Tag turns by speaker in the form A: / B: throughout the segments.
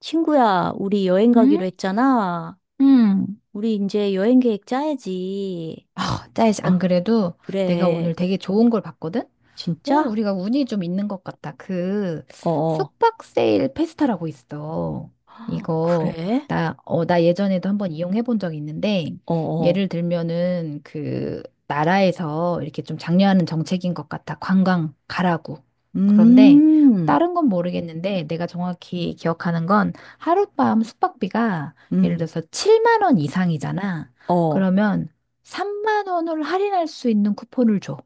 A: 친구야, 우리 여행
B: 응?
A: 가기로 했잖아.
B: 응.
A: 우리 이제 여행 계획 짜야지.
B: 아, 짜이지.
A: 어,
B: 안 그래도 내가 오늘
A: 그래.
B: 되게 좋은 걸 봤거든?
A: 진짜?
B: 우리가 운이 좀 있는 것 같다. 그
A: 어, 어.
B: 숙박 세일 페스타라고 있어.
A: 헉,
B: 이거.
A: 그래?
B: 나 예전에도 한번 이용해 본 적이 있는데
A: 어, 어.
B: 예를 들면은 그 나라에서 이렇게 좀 장려하는 정책인 것 같아. 관광 가라고. 그런데
A: 음,
B: 다른 건 모르겠는데 내가 정확히 기억하는 건 하룻밤 숙박비가 예를
A: 음,
B: 들어서 7만 원 이상이잖아.
A: 어.
B: 그러면 3만 원을 할인할 수 있는 쿠폰을 줘.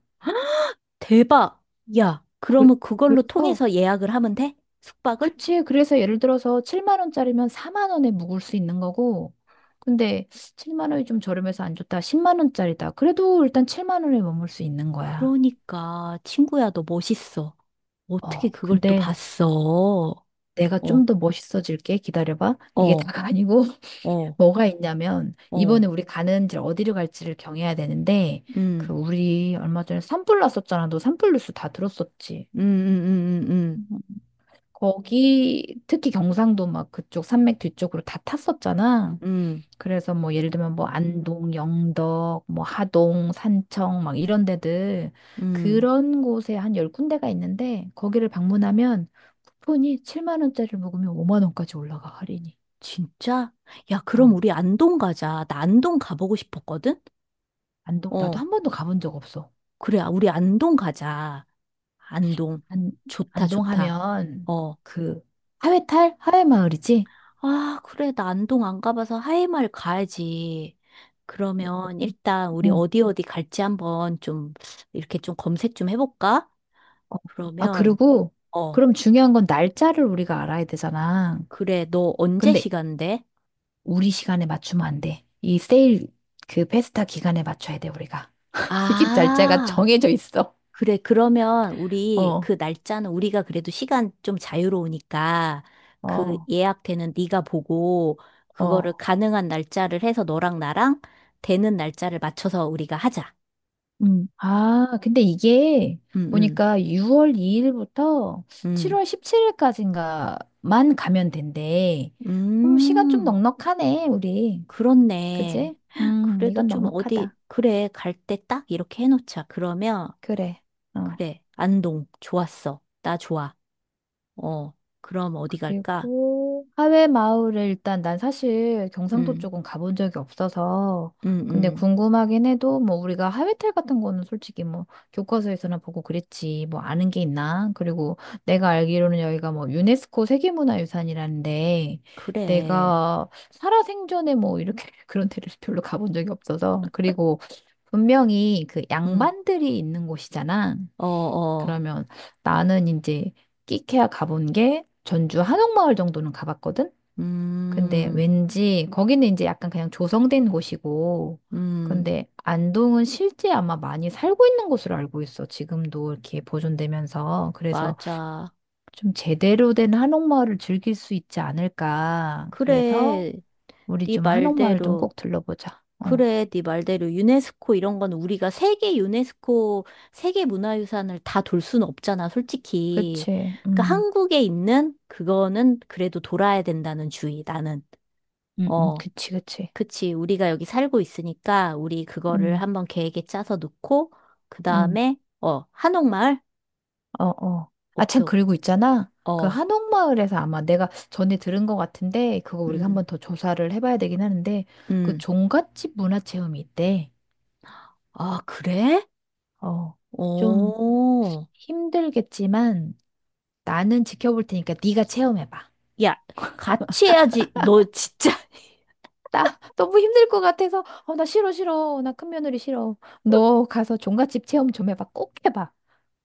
A: 대박. 야,
B: 그-
A: 그러면 그걸로
B: 그래서.
A: 통해서 예약을 하면 돼? 숙박을?
B: 그치. 그래서 예를 들어서 7만 원짜리면 4만 원에 묵을 수 있는 거고, 근데 7만 원이 좀 저렴해서 안 좋다. 10만 원짜리다. 그래도 일단 7만 원에 머물 수 있는 거야.
A: 그러니까, 친구야, 너 멋있어. 어떻게
B: 어,
A: 그걸 또
B: 근데
A: 봤어? 어,
B: 내가 좀 더 멋있어질게. 기다려봐. 이게
A: 어,
B: 다가 아니고,
A: 어,
B: 뭐가 있냐면, 이번에
A: 어.
B: 우리 가는지 어디로 갈지를 경해야 되는데, 그
A: 음,
B: 우리 얼마 전에 산불 났었잖아. 너 산불 뉴스 다 들었었지.
A: 음, 음, 음,
B: 음. 거기 특히 경상도 막 그쪽 산맥 뒤쪽으로 다 탔었잖아.
A: 음, 음,
B: 그래서 뭐 예를 들면 뭐 안동, 영덕, 뭐 하동, 산청 막 이런 데들
A: 음.
B: 그런 곳에 한 열군데가 있는데 거기를 방문하면 쿠폰이 7만 원짜리를 먹으면 5만 원까지 올라가 할인이.
A: 진짜? 야, 그럼
B: 어.
A: 우리 안동 가자. 나 안동 가보고 싶었거든?
B: 안동 나도
A: 어,
B: 한 번도 가본 적 없어.
A: 그래. 아, 우리 안동 가자. 안동.
B: 안
A: 좋다,
B: 안동
A: 좋다.
B: 하면
A: 어.
B: 그 하회탈 하회마을이지?
A: 아, 그래. 나 안동 안 가봐서 하이마을 가야지. 그러면 일단 우리
B: 응.
A: 어디 어디 갈지 한번 좀 이렇게 좀 검색 좀 해볼까?
B: 어. 어. 아
A: 그러면,
B: 그리고
A: 어,
B: 그럼 중요한 건 날짜를 우리가 알아야 되잖아.
A: 그래. 너 언제
B: 근데
A: 시간 돼?
B: 우리 시간에 맞추면 안 돼. 이 세일 그 페스타 기간에 맞춰야 돼, 우리가. 이게 날짜가
A: 아,
B: 정해져 있어.
A: 그래, 그러면 우리
B: 어.
A: 그 날짜는 우리가 그래도 시간 좀 자유로우니까 그
B: 어.
A: 예약되는 네가 보고 그거를
B: 어.
A: 가능한 날짜를 해서 너랑 나랑 되는 날짜를 맞춰서 우리가 하자.
B: 음. 아, 근데 이게
A: 음, 음,
B: 보니까 6월 2일부터
A: 음.
B: 7월 17일까지인가만 가면 된대. 시간 좀
A: 음,
B: 넉넉하네, 우리. 그지?
A: 그렇네. 그래도
B: 이건
A: 좀 어디,
B: 넉넉하다.
A: 그래, 갈 때 딱 이렇게 해놓자. 그러면,
B: 그래. 어.
A: 그래, 안동, 좋았어. 나 좋아. 어, 그럼 어디 갈까?
B: 그리고 하회 마을을 일단 난 사실 경상도
A: 음,
B: 쪽은 가본 적이 없어서
A: 음,
B: 근데
A: 음.
B: 궁금하긴 해도 뭐 우리가 하회탈 같은 거는 솔직히 뭐 교과서에서나 보고 그랬지 뭐 아는 게 있나? 그리고 내가 알기로는 여기가 뭐 유네스코 세계문화유산이라는데
A: 그래.
B: 내가 살아생전에 뭐 이렇게 그런 데를 별로 가본 적이 없어서 그리고 분명히 그
A: 음.
B: 양반들이 있는 곳이잖아.
A: 어, 어,
B: 그러면 나는 이제 끼케야 가본 게 전주 한옥마을 정도는 가봤거든? 근데
A: 음,
B: 왠지 거기는 이제 약간 그냥 조성된 곳이고,
A: 음,
B: 근데 안동은 실제 아마 많이 살고 있는 곳으로 알고 있어. 지금도 이렇게 보존되면서. 그래서
A: 맞아.
B: 좀 제대로 된 한옥마을을 즐길 수 있지 않을까. 그래서
A: 그래,
B: 우리
A: 네
B: 좀 한옥마을 좀
A: 말대로.
B: 꼭 들러보자. 어,
A: 그래, 네 말대로. 유네스코 이런 건 우리가 세계 유네스코, 세계 문화유산을 다 돌 수는 없잖아, 솔직히.
B: 그치.
A: 그러니까 한국에 있는 그거는 그래도 돌아야 된다는 주의, 나는. 어,
B: 그치, 그치.
A: 그치. 우리가 여기 살고 있으니까 우리 그거를
B: 음,
A: 한번 계획에 짜서 놓고, 그
B: 음.
A: 다음에, 어, 한옥마을?
B: 어, 어. 아, 참,
A: 오케이.
B: 그리고 있잖아. 그
A: 어,
B: 한옥마을에서 아마 내가 전에 들은 것 같은데, 그거 우리가 한번
A: 음,
B: 더 조사를 해봐야 되긴 하는데, 그
A: 음.
B: 종갓집 문화체험이 있대.
A: 아, 그래?
B: 어, 좀
A: 오,
B: 힘들겠지만, 나는 지켜볼 테니까 네가 체험해봐.
A: 야, 같이 해야지. 너 진짜.
B: 나 너무 힘들 것 같아서, 어, 나 싫어, 싫어. 나 큰 며느리 싫어. 너 가서 종갓집 체험 좀 해봐. 꼭 해봐.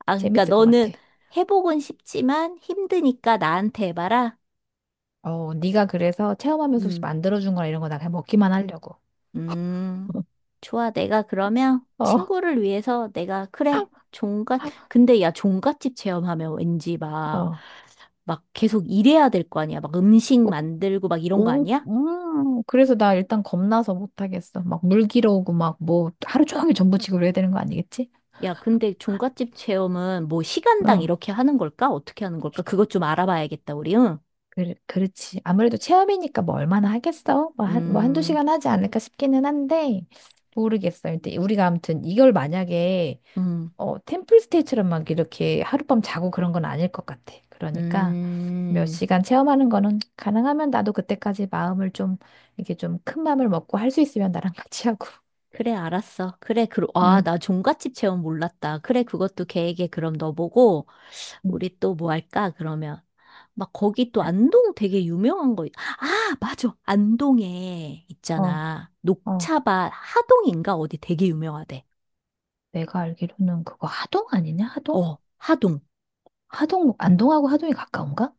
A: 아, 그러니까
B: 재밌을 것
A: 너는
B: 같아.
A: 회복은 쉽지만 힘드니까 나한테 해봐라.
B: 어, 네가 그래서 체험하면서 혹시
A: 음,
B: 만들어준 거나 이런 거 나 그냥 먹기만 하려고.
A: 음, 좋아. 내가 그러면
B: 어,
A: 친구를 위해서 내가, 그래, 근데 야, 종갓집 체험하면 왠지 막,
B: 어.
A: 막 계속 일해야 될 거 아니야. 막 음식 만들고 막 이런 거
B: 오,
A: 아니야?
B: 그래서 나 일단 겁나서 못하겠어. 막 물 길어오고 막 뭐 하루 종일 전부치고 그래야 되는 거 아니겠지?
A: 야, 근데 종갓집 체험은 뭐 시간당
B: 어,
A: 이렇게 하는 걸까? 어떻게 하는 걸까? 그것 좀 알아봐야겠다, 우리. 응?
B: 그렇지. 아무래도 체험이니까 뭐 얼마나 하겠어? 뭐 한두
A: 음,
B: 시간 하지 않을까 싶기는 한데, 모르겠어. 근데 우리가 아무튼 이걸 만약에,
A: 음.
B: 어, 템플스테이처럼 막 이렇게 하룻밤 자고 그런 건 아닐 것 같아. 그러니까 몇
A: 음,
B: 시간 체험하는 거는 가능하면 나도 그때까지 마음을 좀, 이렇게 좀 큰 마음을 먹고 할 수 있으면 나랑 같이 하고.
A: 그래, 알았어. 그래, 그, 아,
B: 응.
A: 나 종갓집 체험 몰랐다. 그래, 그것도 계획에 그럼 넣어보고,
B: 응.
A: 우리 또 뭐 할까, 그러면. 막 거기 또 안동 되게 유명한 거, 아, 맞아. 안동에
B: 어,
A: 있잖아.
B: 어,
A: 녹차밭 하동인가? 어디 되게 유명하대.
B: 내가 알기로는 그거 하동 아니냐? 하동?
A: 어, 하동.
B: 하동, 안동하고 하동이 가까운가?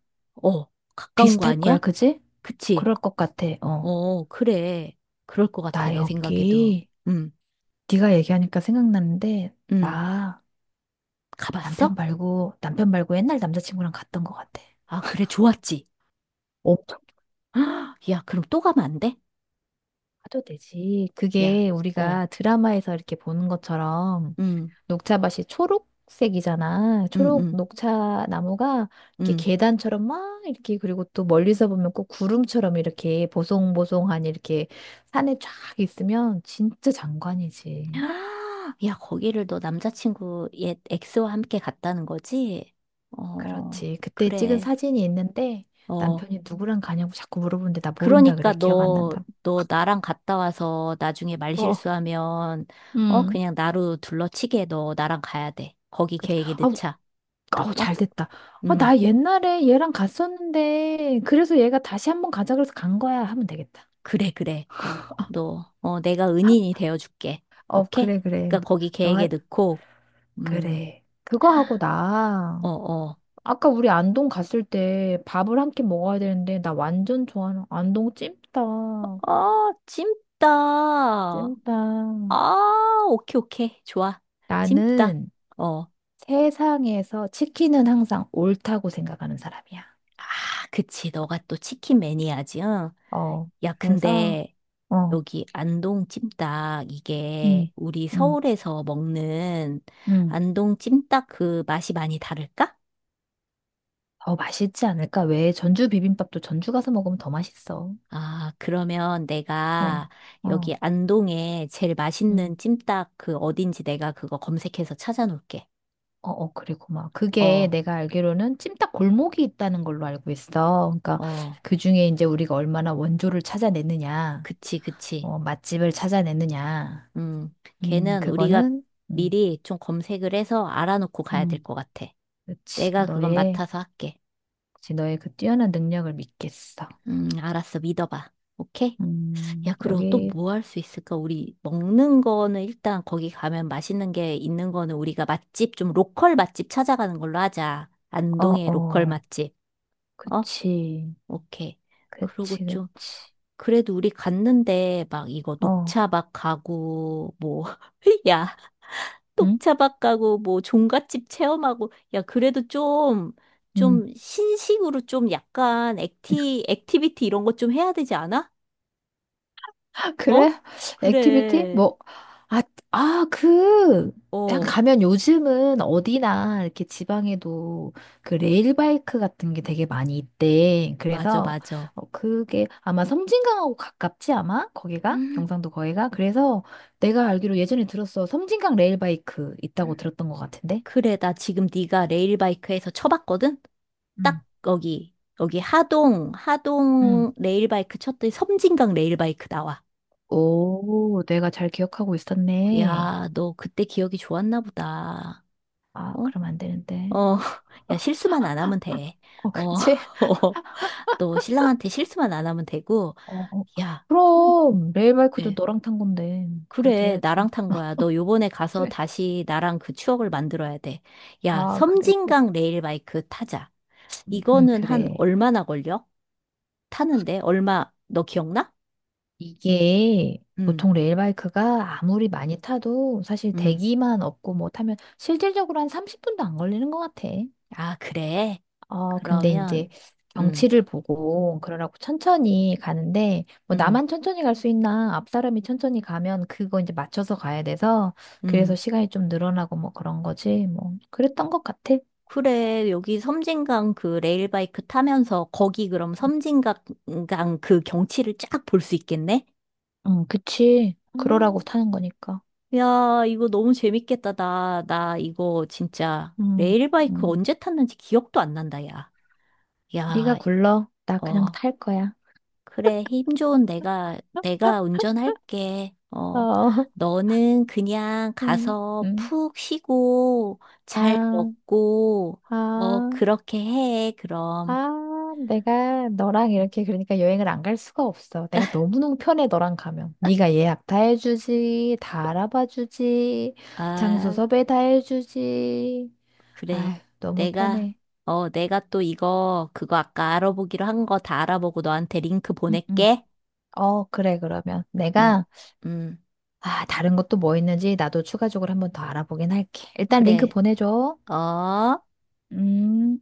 A: 어, 가까운 거
B: 비슷할
A: 아니야?
B: 거야, 그지?
A: 그치?
B: 그럴 것 같아. 어.
A: 어, 그래. 그럴 것 같아,
B: 나
A: 내 생각에도.
B: 여기,
A: 음,
B: 네가 얘기하니까 생각나는데,
A: 음.
B: 나 남편
A: 가봤어?
B: 말고, 남편 말고 옛날 남자친구랑 갔던 것 같아.
A: 아, 그래, 좋았지.
B: 엄청
A: 헉, 야, 그럼 또 가면 안 돼?
B: 가도 되지.
A: 야,
B: 그게
A: 어,
B: 우리가 드라마에서 이렇게 보는 것처럼
A: 음,
B: 녹차밭이 초록색이잖아.
A: 음,
B: 초록
A: 음,
B: 녹차 나무가 이렇게
A: 음.
B: 계단처럼 막 이렇게 그리고 또 멀리서 보면 꼭 구름처럼 이렇게 보송보송하니 이렇게 산에 쫙 있으면 진짜 장관이지.
A: 야, 거기를 너 남자친구 옛 엑스와 함께 갔다는 거지? 어,
B: 그렇지. 그때 찍은
A: 그래.
B: 사진이 있는데
A: 어,
B: 남편이 누구랑 가냐고 자꾸 물어보는데 나 모른다 그래.
A: 그러니까
B: 기억 안
A: 너,
B: 난다고.
A: 너 나랑 갔다 와서 나중에
B: 어.
A: 말실수하면, 어,
B: 음.
A: 그냥 나로 둘러치게 너 나랑 가야 돼. 거기
B: 그치.
A: 계획에
B: 아우,
A: 넣자.
B: 아우
A: 어?
B: 잘 됐다. 아,
A: 음,
B: 나 옛날에 얘랑 갔었는데 그래서 얘가 다시 한번 가자 그래서 간 거야 하면 되겠다.
A: 그래, 그래. 너, 어, 내가 은인이 되어줄게.
B: 어,
A: 오케이?
B: 그래, 그래.
A: 그러니까 거기 계획에
B: 너,
A: 넣고, 음,
B: 그래. 그거 하고
A: 어,
B: 나
A: 어.
B: 아까 우리 안동 갔을 때 밥을 한 끼 먹어야 되는데 나 완전 좋아하는 안동 찜닭.
A: 아, 찜닭.
B: 찜닭.
A: 아, 오케이, 오케이. 좋아. 찜닭.
B: 나는
A: 어.
B: 세상에서 치킨은 항상 옳다고 생각하는 사람이야.
A: 아, 그치. 너가 또 치킨 매니아지, 응?
B: 어.
A: 야,
B: 그래서
A: 근데
B: 어.
A: 여기 안동 찜닭, 이게
B: 음.
A: 우리
B: 음.
A: 서울에서 먹는
B: 음.
A: 안동 찜닭 그 맛이 많이 다를까?
B: 더 맛있지 않을까? 왜 전주 비빔밥도 전주 가서 먹으면 더 맛있어.
A: 아, 그러면
B: 어.
A: 내가
B: 어.
A: 여기 안동에 제일
B: 음.
A: 맛있는 찜닭 그 어딘지 내가 그거 검색해서 찾아놓을게.
B: 어, 어, 그리고 막 그게
A: 어,
B: 내가 알기로는 찜닭 골목이 있다는 걸로 알고 있어. 그러니까
A: 어.
B: 그 중에 이제 우리가 얼마나 원조를 찾아내느냐,
A: 그치, 그치.
B: 어, 맛집을 찾아내느냐,
A: 음, 걔는 우리가
B: 그거는, 음,
A: 미리 좀 검색을 해서 알아놓고 가야 될
B: 음.
A: 것 같아.
B: 그렇지.
A: 내가 그건
B: 너의,
A: 맡아서 할게.
B: 그치, 너의 그 뛰어난 능력을 믿겠어.
A: 알았어. 믿어봐. 오케이? 야, 그리고 또
B: 여기,
A: 뭐 할 수 있을까? 우리 먹는 거는 일단 거기 가면 맛있는 게 있는 거는 우리가 맛집, 좀 로컬 맛집 찾아가는 걸로 하자.
B: 어,
A: 안동의 로컬
B: 어,
A: 맛집. 어?
B: 그치,
A: 오케이. 그리고
B: 그치,
A: 좀,
B: 그치.
A: 그래도 우리 갔는데 막 이거
B: 어,
A: 녹차 막 가고, 뭐, 야.
B: 응?
A: 뚝차박 가고 뭐 종갓집 체험하고 야 그래도 좀
B: 응.
A: 좀 신식으로 좀 약간 액티비티 이런 거 좀 해야 되지 않아? 어?
B: 그래? 액티비티?
A: 그래.
B: 뭐, 아, 아, 그, 그냥
A: 어,
B: 가면 요즘은 어디나 이렇게 지방에도 그 레일바이크 같은 게 되게 많이 있대.
A: 맞아
B: 그래서
A: 맞아.
B: 어, 그게 아마 섬진강하고 가깝지 아마? 거기가?
A: 음.
B: 경상도 거기가? 그래서 내가 알기로 예전에 들었어. 섬진강 레일바이크 있다고 들었던 것 같은데?
A: 그래 나 지금 네가 레일바이크에서 쳐봤거든.
B: 응.
A: 딱 거기 여기 하동
B: 응.
A: 하동 레일바이크 쳤더니 섬진강 레일바이크 나와.
B: 오, 내가 잘 기억하고 있었네.
A: 야, 너 그때 기억이 좋았나 보다.
B: 아,
A: 어?
B: 그럼 안 되는데.
A: 어, 야, 실수만 안 하면 돼.
B: 어,
A: 어,
B: 그렇지?
A: 또 신랑한테 실수만 안 하면 되고,
B: 어, 어.
A: 야, 선-
B: 그럼 레일바이크도
A: 그래,
B: 너랑 탄 건데 그렇게
A: 그래,
B: 해야지.
A: 나랑 탄 거야. 너 요번에 가서
B: 그래.
A: 다시 나랑 그 추억을 만들어야 돼. 야,
B: 아, 그래, 그래.
A: 섬진강 레일바이크 타자. 이거는 한
B: 그래.
A: 얼마나 걸려? 타는데? 얼마, 너 기억나?
B: 이게
A: 응,
B: 보통 레일바이크가 아무리 많이 타도 사실
A: 응.
B: 대기만 없고 뭐 타면 실질적으로 한 30분도 안 걸리는 것 같아.
A: 아, 그래.
B: 어, 근데 이제
A: 그러면, 응,
B: 경치를 보고 그러라고 천천히 가는데 뭐
A: 응,
B: 나만 천천히 갈 수 있나 앞 사람이 천천히 가면 그거 이제 맞춰서 가야 돼서 그래서
A: 응.
B: 시간이 좀 늘어나고 뭐 그런 거지 뭐 그랬던 것 같아.
A: 그래, 여기 섬진강 그 레일바이크 타면서 거기 그럼 섬진강 그 경치를 쫙 볼 수 있겠네?
B: 응, 그치. 그러라고
A: 음.
B: 타는 거니까.
A: 야, 이거 너무 재밌겠다. 나 이거 진짜
B: 응,
A: 레일바이크
B: 응.
A: 언제 탔는지 기억도 안 난다, 야.
B: 네가
A: 야,
B: 굴러. 나 그냥
A: 어,
B: 탈 거야.
A: 그래. 힘 좋은 내가 운전할게. 어,
B: 어,
A: 너는 그냥
B: 응,
A: 가서
B: 응.
A: 푹 쉬고 잘
B: 아,
A: 먹고, 어,
B: 아,
A: 그렇게 해, 그럼.
B: 내가 너랑 이렇게 그러니까 여행을 안 갈 수가 없어. 내가 너무너무 편해, 너랑 가면. 네가 예약 다 해주지, 다 알아봐 주지, 장소
A: 아.
B: 섭외 다 해주지.
A: 그래.
B: 아휴, 너무
A: 내가,
B: 편해.
A: 어, 내가 또 이거, 그거 아까 알아보기로 한 거 다 알아보고 너한테 링크
B: 응, 응.
A: 보낼게.
B: 어, 그래, 그러면.
A: 음,
B: 내가
A: 음,
B: 아, 다른 것도 뭐 있는지 나도 추가적으로 한번 더 알아보긴 할게. 일단 링크
A: 그래.
B: 보내줘.
A: 어?
B: 음.